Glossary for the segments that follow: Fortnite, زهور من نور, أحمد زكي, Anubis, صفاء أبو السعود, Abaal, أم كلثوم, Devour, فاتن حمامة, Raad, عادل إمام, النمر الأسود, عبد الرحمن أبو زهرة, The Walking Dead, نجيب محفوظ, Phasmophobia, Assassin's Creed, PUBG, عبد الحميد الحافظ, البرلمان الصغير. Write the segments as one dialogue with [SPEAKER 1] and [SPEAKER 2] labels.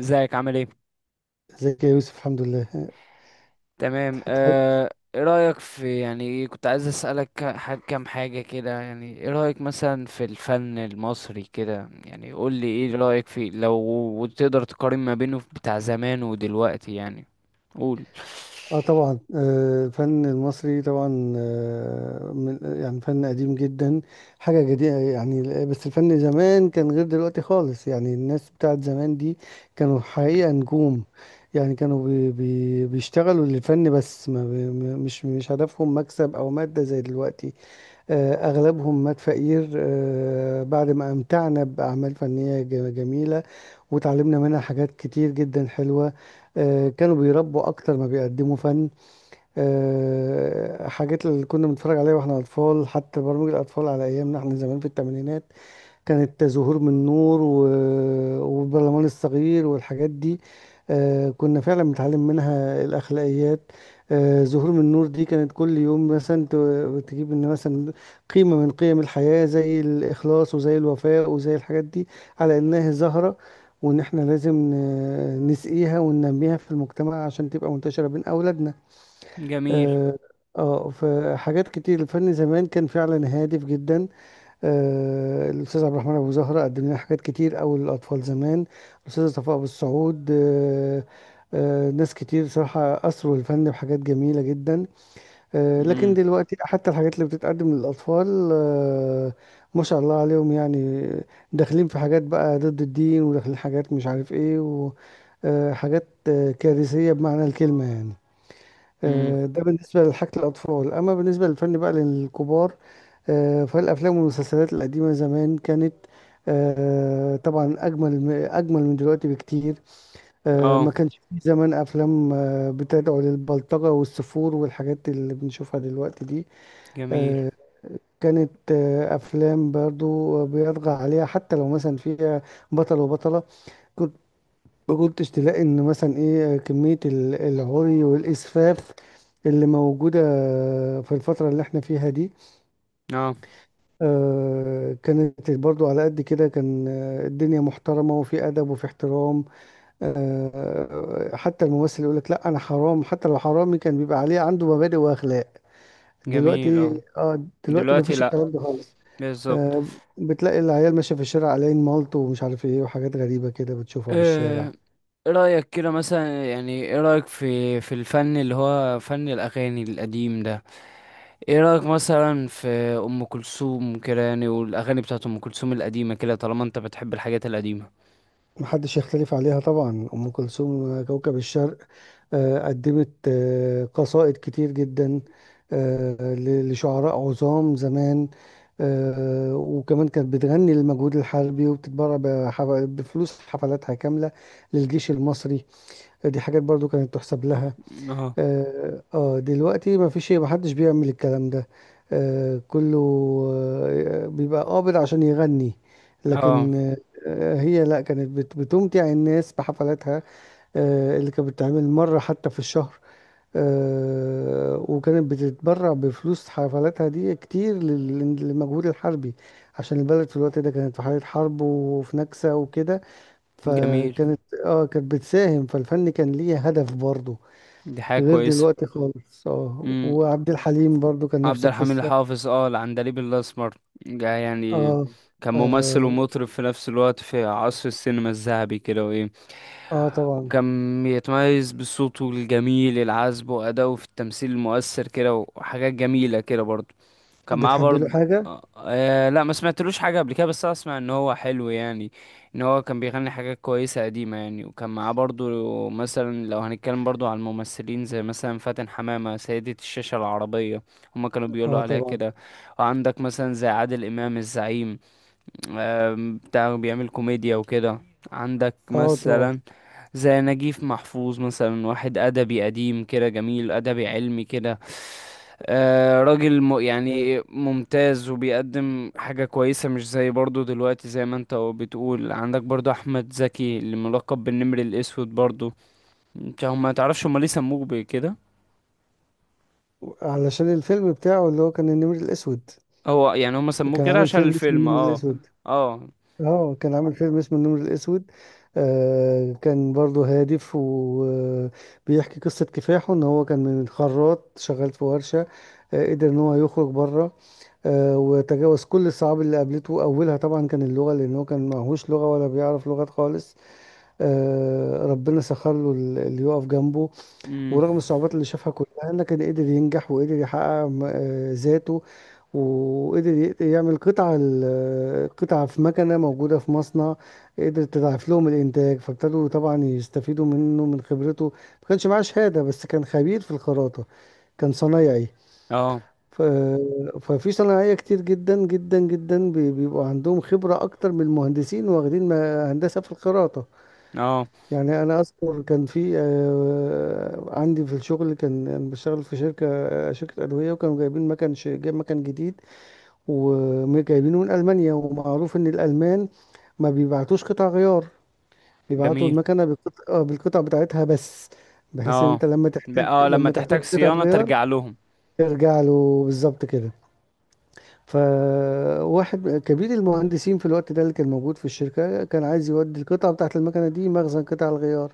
[SPEAKER 1] ازيك عامل ايه؟
[SPEAKER 2] ازيك يا يوسف، الحمد لله.
[SPEAKER 1] تمام.
[SPEAKER 2] تحاول-
[SPEAKER 1] آه، ايه رأيك في، يعني كنت عايز اسألك كام حاجة كده، يعني ايه رأيك مثلا في الفن المصري كده، يعني قول لي ايه رأيك فيه لو تقدر تقارن ما بينه بتاع زمان ودلوقتي يعني. قول.
[SPEAKER 2] اه طبعا. الفن المصري طبعا، من يعني فن قديم جدا، حاجة جديدة يعني. بس الفن زمان كان غير دلوقتي خالص يعني. الناس بتاعت زمان دي كانوا حقيقة نجوم. يعني كانوا بي بي بيشتغلوا للفن بس، ما بي م- مش هدفهم مكسب أو مادة زي دلوقتي. أغلبهم مات فقير، بعد ما أمتعنا بأعمال فنية جميلة، وتعلمنا منها حاجات كتير جدا حلوة. كانوا بيربوا أكتر ما بيقدموا فن. حاجات اللي كنا بنتفرج عليها واحنا أطفال، حتى برامج الأطفال على أيامنا احنا زمان في الثمانينات، كانت زهور من نور و... والبرلمان الصغير والحاجات دي. كنا فعلا بنتعلم منها الأخلاقيات. زهور من نور دي كانت كل يوم مثلا تجيب ان مثلا قيمة من قيم الحياة زي الإخلاص وزي الوفاء وزي الحاجات دي، على إنها زهرة، وإن إحنا لازم نسقيها وننميها في المجتمع عشان تبقى منتشرة بين أولادنا.
[SPEAKER 1] جميل.
[SPEAKER 2] اه. فحاجات كتير، الفن زمان كان فعلا هادف جدا. الأستاذ عبد الرحمن أبو زهرة قدم لنا حاجات كتير أوي للأطفال زمان. الأستاذة صفاء أبو السعود، ناس كتير صراحة أثروا الفن بحاجات جميلة جدا. لكن
[SPEAKER 1] امم.
[SPEAKER 2] دلوقتي حتى الحاجات اللي بتتقدم للأطفال، ما شاء الله عليهم يعني، داخلين في حاجات بقى ضد الدين، وداخلين حاجات مش عارف إيه، وحاجات كارثية بمعنى الكلمة يعني.
[SPEAKER 1] امم.
[SPEAKER 2] ده بالنسبة لحاجة الأطفال. أما بالنسبة للفن بقى للكبار، فالأفلام والمسلسلات القديمة زمان كانت طبعا أجمل أجمل من دلوقتي بكتير.
[SPEAKER 1] اه،
[SPEAKER 2] ما كانش في زمان أفلام بتدعو للبلطجة والسفور والحاجات اللي بنشوفها دلوقتي دي.
[SPEAKER 1] جميل.
[SPEAKER 2] آه، كانت أفلام برضو بيطغى عليها، حتى لو مثلا فيها بطل وبطلة، ما كنتش تلاقي ان مثلا ايه كمية العري والاسفاف اللي موجودة في الفترة اللي احنا فيها دي.
[SPEAKER 1] اه،
[SPEAKER 2] كانت برضو على قد كده، كان الدنيا محترمة وفي أدب وفي احترام. حتى الممثل يقول لك لا أنا حرام، حتى لو حرامي كان بيبقى عليه عنده مبادئ وأخلاق.
[SPEAKER 1] جميل.
[SPEAKER 2] دلوقتي
[SPEAKER 1] اه.
[SPEAKER 2] اه دلوقتي
[SPEAKER 1] دلوقتي
[SPEAKER 2] مفيش
[SPEAKER 1] لا.
[SPEAKER 2] الكلام ده خالص.
[SPEAKER 1] بالظبط.
[SPEAKER 2] آه، بتلاقي العيال ماشية في الشارع على مالطو ومش عارف ايه، وحاجات غريبة كده بتشوفها في
[SPEAKER 1] آه،
[SPEAKER 2] الشارع.
[SPEAKER 1] ايه رأيك كده مثلا، يعني ايه رأيك في الفن اللي هو فن الأغاني القديم ده؟ ايه رأيك مثلا في ام كلثوم كده، يعني والاغاني بتاعت ام كلثوم القديمة كده طالما انت بتحب الحاجات القديمة.
[SPEAKER 2] محدش يختلف عليها طبعا، أم كلثوم كوكب الشرق. قدمت قصائد كتير جدا، لشعراء عظام زمان. وكمان كانت بتغني للمجهود الحربي، وبتتبرع بفلوس حفلاتها كاملة للجيش المصري. دي حاجات برضو كانت تحسب لها.
[SPEAKER 1] اه،
[SPEAKER 2] اه، دلوقتي ما فيش محدش بيعمل الكلام ده. كله بيبقى قابض عشان يغني.
[SPEAKER 1] اه،
[SPEAKER 2] لكن هي لا، كانت بتمتع الناس بحفلاتها اللي كانت بتتعمل مرة حتى في الشهر. وكانت بتتبرع بفلوس حفلاتها دي كتير للمجهود الحربي، عشان البلد في الوقت ده كانت في حالة حرب وفي نكسة وكده.
[SPEAKER 1] جميل.
[SPEAKER 2] فكانت، اه كانت بتساهم. فالفن كان ليه هدف برضه،
[SPEAKER 1] دي حاجة
[SPEAKER 2] غير
[SPEAKER 1] كويسة.
[SPEAKER 2] دلوقتي خالص. اه
[SPEAKER 1] امم.
[SPEAKER 2] وعبد الحليم برضو كان نفس
[SPEAKER 1] عبد الحميد
[SPEAKER 2] القصة.
[SPEAKER 1] الحافظ، العندليب الاسمر ده يعني
[SPEAKER 2] اه،
[SPEAKER 1] كان ممثل
[SPEAKER 2] اه،
[SPEAKER 1] ومطرب في نفس الوقت، في عصر السينما الذهبي كده. وايه،
[SPEAKER 2] طبعا.
[SPEAKER 1] وكان يتميز بصوته الجميل العذب وأداؤه في التمثيل المؤثر كده وحاجات جميلة كده برضه. كان معاه
[SPEAKER 2] بتحب
[SPEAKER 1] برضه.
[SPEAKER 2] له حاجة؟
[SPEAKER 1] آه، آه، لا ما سمعتلوش حاجة قبل كده، بس اسمع ان هو حلو يعني، ان هو كان بيغني حاجات كويسة قديمة يعني. وكان معاه برضه، مثلا لو هنتكلم برضه على الممثلين زي مثلا فاتن حمامة سيدة الشاشة العربية، هما كانوا بيقولوا
[SPEAKER 2] اه
[SPEAKER 1] عليها
[SPEAKER 2] طبعا.
[SPEAKER 1] كده. وعندك مثلا زي عادل امام الزعيم. آه، بتاع بيعمل كوميديا وكده. عندك
[SPEAKER 2] اه طبعا.
[SPEAKER 1] مثلا زي نجيب محفوظ، مثلا واحد أدبي قديم كده جميل، أدبي علمي كده. آه، راجل
[SPEAKER 2] آه
[SPEAKER 1] يعني ممتاز وبيقدم حاجة كويسة، مش زي برضو دلوقتي زي ما انت بتقول. عندك برضو أحمد زكي اللي ملقب بالنمر الأسود برضو. انت هم ما تعرفش هم ليه سموه بكده؟
[SPEAKER 2] علشان الفيلم بتاعه اللي هو كان النمر الأسود.
[SPEAKER 1] هو يعني هم سموه
[SPEAKER 2] كان
[SPEAKER 1] كده
[SPEAKER 2] عامل
[SPEAKER 1] عشان
[SPEAKER 2] فيلم اسمه
[SPEAKER 1] الفيلم.
[SPEAKER 2] النمر
[SPEAKER 1] اه.
[SPEAKER 2] الأسود.
[SPEAKER 1] اه.
[SPEAKER 2] اه كان عامل فيلم اسمه النمر الأسود. كان برضو هادف، وبيحكي قصة كفاحه ان هو كان من خراط شغال في ورشة. قدر ان هو يخرج بره. وتجاوز كل الصعاب اللي قابلته، أولها طبعا كان اللغة، لأن هو كان معهوش لغة ولا بيعرف لغات خالص. ربنا سخر له اللي يقف جنبه.
[SPEAKER 1] امم.
[SPEAKER 2] ورغم الصعوبات اللي شافها كلها، لكن قدر ينجح، وقدر يحقق ذاته. وقدر يعمل قطعة قطعة في مكنة موجودة في مصنع، قدر تضاعف لهم الإنتاج، فابتدوا طبعا يستفيدوا منه من خبرته. ما كانش معاه شهادة، بس كان خبير في الخراطة، كان صنايعي.
[SPEAKER 1] اه.
[SPEAKER 2] ف... ففي صناعية كتير جدا جدا جدا بيبقوا عندهم خبرة أكتر من المهندسين واخدين هندسة في الخراطة.
[SPEAKER 1] اه،
[SPEAKER 2] يعني أنا أذكر، كان في عندي في الشغل، كان أنا بشتغل في شركة شركة أدوية، وكانوا جايبين مكان جايب مكان جديد، وجايبينه من ألمانيا. ومعروف إن الألمان ما بيبعتوش قطع غيار، بيبعتوا
[SPEAKER 1] جميل.
[SPEAKER 2] المكنة بالقطع، بالقطع بتاعتها بس، بحيث إن
[SPEAKER 1] اه،
[SPEAKER 2] أنت
[SPEAKER 1] لما
[SPEAKER 2] لما
[SPEAKER 1] تحتاج
[SPEAKER 2] تحتاج قطعة
[SPEAKER 1] صيانة
[SPEAKER 2] غيار
[SPEAKER 1] ترجع لهم.
[SPEAKER 2] ترجع له بالظبط كده. فواحد كبير المهندسين في الوقت ده اللي كان موجود في الشركة، كان عايز يودي القطعة بتاعت المكنة دي مخزن قطع الغيار.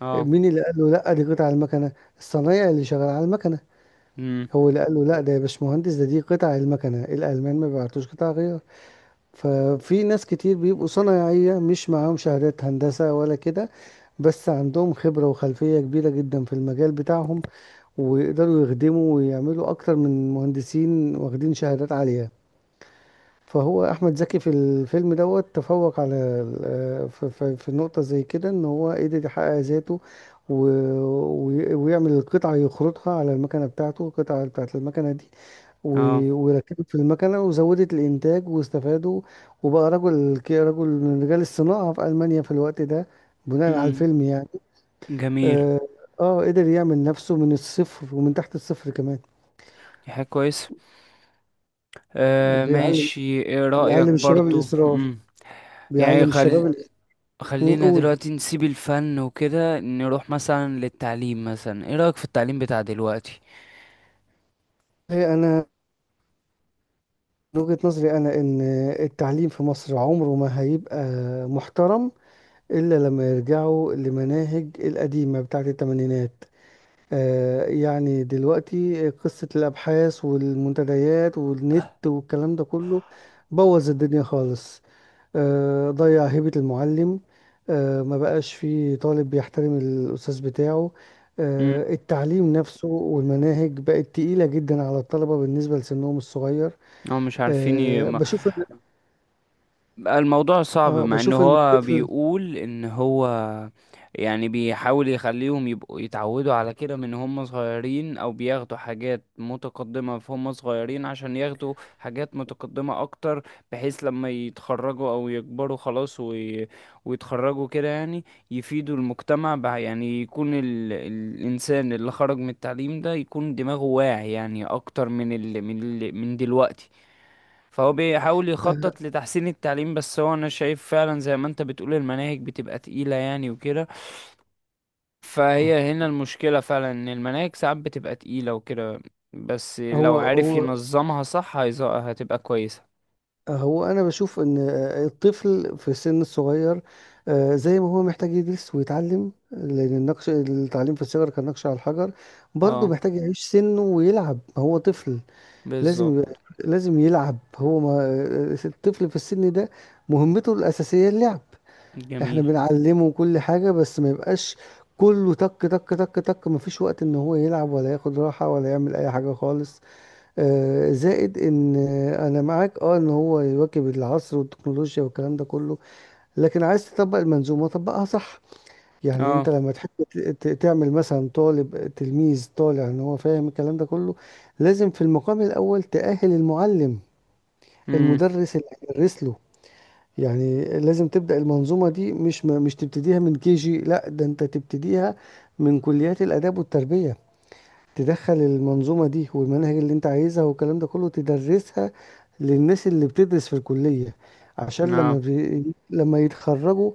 [SPEAKER 1] اه.
[SPEAKER 2] مين اللي قال له لا دي قطع المكنة؟ الصنايعي اللي شغال على المكنة
[SPEAKER 1] امم.
[SPEAKER 2] هو اللي قال له لا ده يا باشمهندس، دي قطع المكنة، الألمان ما بيبعتوش قطع غيار. ففي ناس كتير بيبقوا صنايعية مش معاهم شهادات هندسة ولا كده، بس عندهم خبرة وخلفية كبيرة جدا في المجال بتاعهم، ويقدروا يخدموا ويعملوا أكتر من مهندسين واخدين شهادات عالية. فهو احمد زكي في الفيلم دوت تفوق على في نقطه زي كده، ان هو قدر يحقق ذاته، و- ويعمل القطعه، يخرطها على المكنه بتاعته، القطعه بتاعت المكنه دي،
[SPEAKER 1] اه.
[SPEAKER 2] وركبت في المكنه وزودت الانتاج، واستفادوا. وبقى رجل رجل من رجال الصناعه في المانيا في الوقت ده، بناء على
[SPEAKER 1] امم.
[SPEAKER 2] الفيلم يعني.
[SPEAKER 1] جميل.
[SPEAKER 2] اه، قدر يعمل نفسه من الصفر ومن تحت الصفر كمان.
[SPEAKER 1] دي حاجة كويسة. آه،
[SPEAKER 2] بيعلم
[SPEAKER 1] ماشي. ايه رأيك
[SPEAKER 2] بيعلم الشباب
[SPEAKER 1] برضو؟
[SPEAKER 2] الاصرار.
[SPEAKER 1] يعني
[SPEAKER 2] بيعلم الشباب
[SPEAKER 1] خلينا
[SPEAKER 2] قول.
[SPEAKER 1] دلوقتي نسيب الفن وكده نروح مثلا للتعليم. مثلا ايه رأيك في التعليم بتاع دلوقتي؟
[SPEAKER 2] هي انا، من وجهة نظري أنا إن التعليم في مصر عمره ما هيبقى محترم، إلا لما يرجعوا لمناهج القديمة بتاعة التمانينات. يعني دلوقتي قصة الأبحاث والمنتديات والنت والكلام ده كله، بوظ الدنيا خالص. ضيع هيبة المعلم. ما بقاش فيه طالب بيحترم الأستاذ بتاعه.
[SPEAKER 1] مم.
[SPEAKER 2] التعليم نفسه والمناهج بقت تقيلة جدا على الطلبة بالنسبة لسنهم الصغير.
[SPEAKER 1] هم مش عارفين ي...
[SPEAKER 2] آه،
[SPEAKER 1] ما...
[SPEAKER 2] بشوف
[SPEAKER 1] الموضوع صعب،
[SPEAKER 2] اه
[SPEAKER 1] مع ان
[SPEAKER 2] بشوف ان
[SPEAKER 1] هو
[SPEAKER 2] الطفل،
[SPEAKER 1] بيقول ان هو يعني بيحاول يخليهم يبقوا يتعودوا على كده من هم صغيرين، او بياخدوا حاجات متقدمة في هم صغيرين عشان ياخدوا حاجات متقدمة اكتر، بحيث لما يتخرجوا او يكبروا خلاص ويتخرجوا كده يعني، يفيدوا المجتمع، يعني يكون الانسان اللي خرج من التعليم ده يكون دماغه واعي يعني، اكتر من من دلوقتي. فهو بيحاول يخطط
[SPEAKER 2] آه،
[SPEAKER 1] لتحسين التعليم، بس هو انا شايف فعلا زي ما انت بتقول المناهج بتبقى تقيلة يعني وكده. فهي هنا المشكلة فعلا، ان المناهج ساعات بتبقى تقيلة وكده، بس لو
[SPEAKER 2] هو
[SPEAKER 1] عارف
[SPEAKER 2] هو
[SPEAKER 1] ينظمها صح هتبقى كويسة.
[SPEAKER 2] هو انا بشوف ان الطفل في السن الصغير، زي ما هو محتاج يدرس ويتعلم، لان النقش التعليم في الصغر كالنقش على الحجر، برضه
[SPEAKER 1] اه،
[SPEAKER 2] محتاج يعيش سنه ويلعب هو طفل. لازم يبقى-
[SPEAKER 1] بالظبط.
[SPEAKER 2] لازم يلعب هو ما. الطفل في السن ده مهمته الاساسيه اللعب. احنا
[SPEAKER 1] جميل.
[SPEAKER 2] بنعلمه كل حاجه بس ما يبقاش كله تك تك تك تك، مفيش وقت ان هو يلعب ولا ياخد راحه ولا يعمل اي حاجه خالص. زائد ان انا معاك اه ان هو يواكب العصر والتكنولوجيا والكلام ده كله، لكن عايز تطبق المنظومه طبقها صح. يعني
[SPEAKER 1] اه.
[SPEAKER 2] انت لما تحب تعمل مثلا طالب تلميذ طالع ان هو فاهم الكلام ده كله، لازم في المقام الاول تأهل المعلم،
[SPEAKER 1] امم.
[SPEAKER 2] المدرس اللي هيدرس له. يعني لازم تبدأ المنظومه دي، مش مش تبتديها من كي جي، لا، ده انت تبتديها من كليات الاداب والتربيه. تدخل المنظومة دي والمناهج اللي انت عايزها والكلام ده كله، تدرسها للناس اللي بتدرس في الكلية، عشان
[SPEAKER 1] اه.
[SPEAKER 2] لما يتخرجوا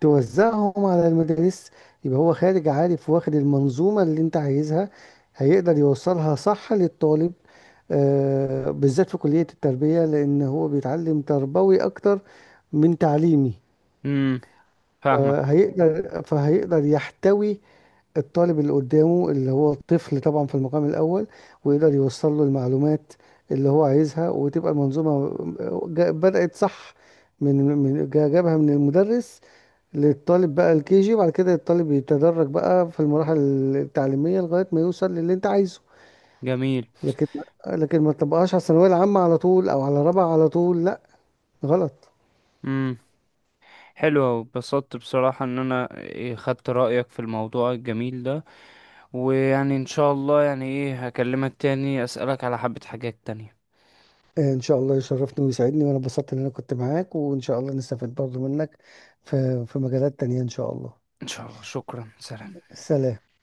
[SPEAKER 2] توزعهم على المدارس، يبقى هو خارج عارف واخد المنظومة اللي انت عايزها، هيقدر يوصلها صح للطالب. بالذات في كلية التربية، لأن هو بيتعلم تربوي أكتر من تعليمي.
[SPEAKER 1] امم. فاهمك.
[SPEAKER 2] فهيقدر يحتوي الطالب اللي قدامه، اللي هو الطفل طبعا في المقام الأول، ويقدر يوصل له المعلومات اللي هو عايزها، وتبقى المنظومة بدأت صح من جابها من المدرس للطالب بقى الكي جي، وبعد كده الطالب يتدرج بقى في المراحل التعليمية لغاية ما يوصل للي انت عايزه.
[SPEAKER 1] جميل.
[SPEAKER 2] لكن لكن ما تبقاش على الثانوية العامة على طول، او على رابعة على طول، لا، غلط.
[SPEAKER 1] امم. حلو أوي. اتبسطت بصراحة ان انا خدت رأيك في الموضوع الجميل ده، ويعني ان شاء الله يعني هكلمك تاني اسألك على حبة حاجات تانية.
[SPEAKER 2] ان شاء الله يشرفني ويسعدني، وانا اتبسطت ان انا كنت معاك، وان شاء الله نستفيد برضو منك في مجالات تانية ان شاء الله.
[SPEAKER 1] ان شاء الله. شكرا. سلام.
[SPEAKER 2] سلام.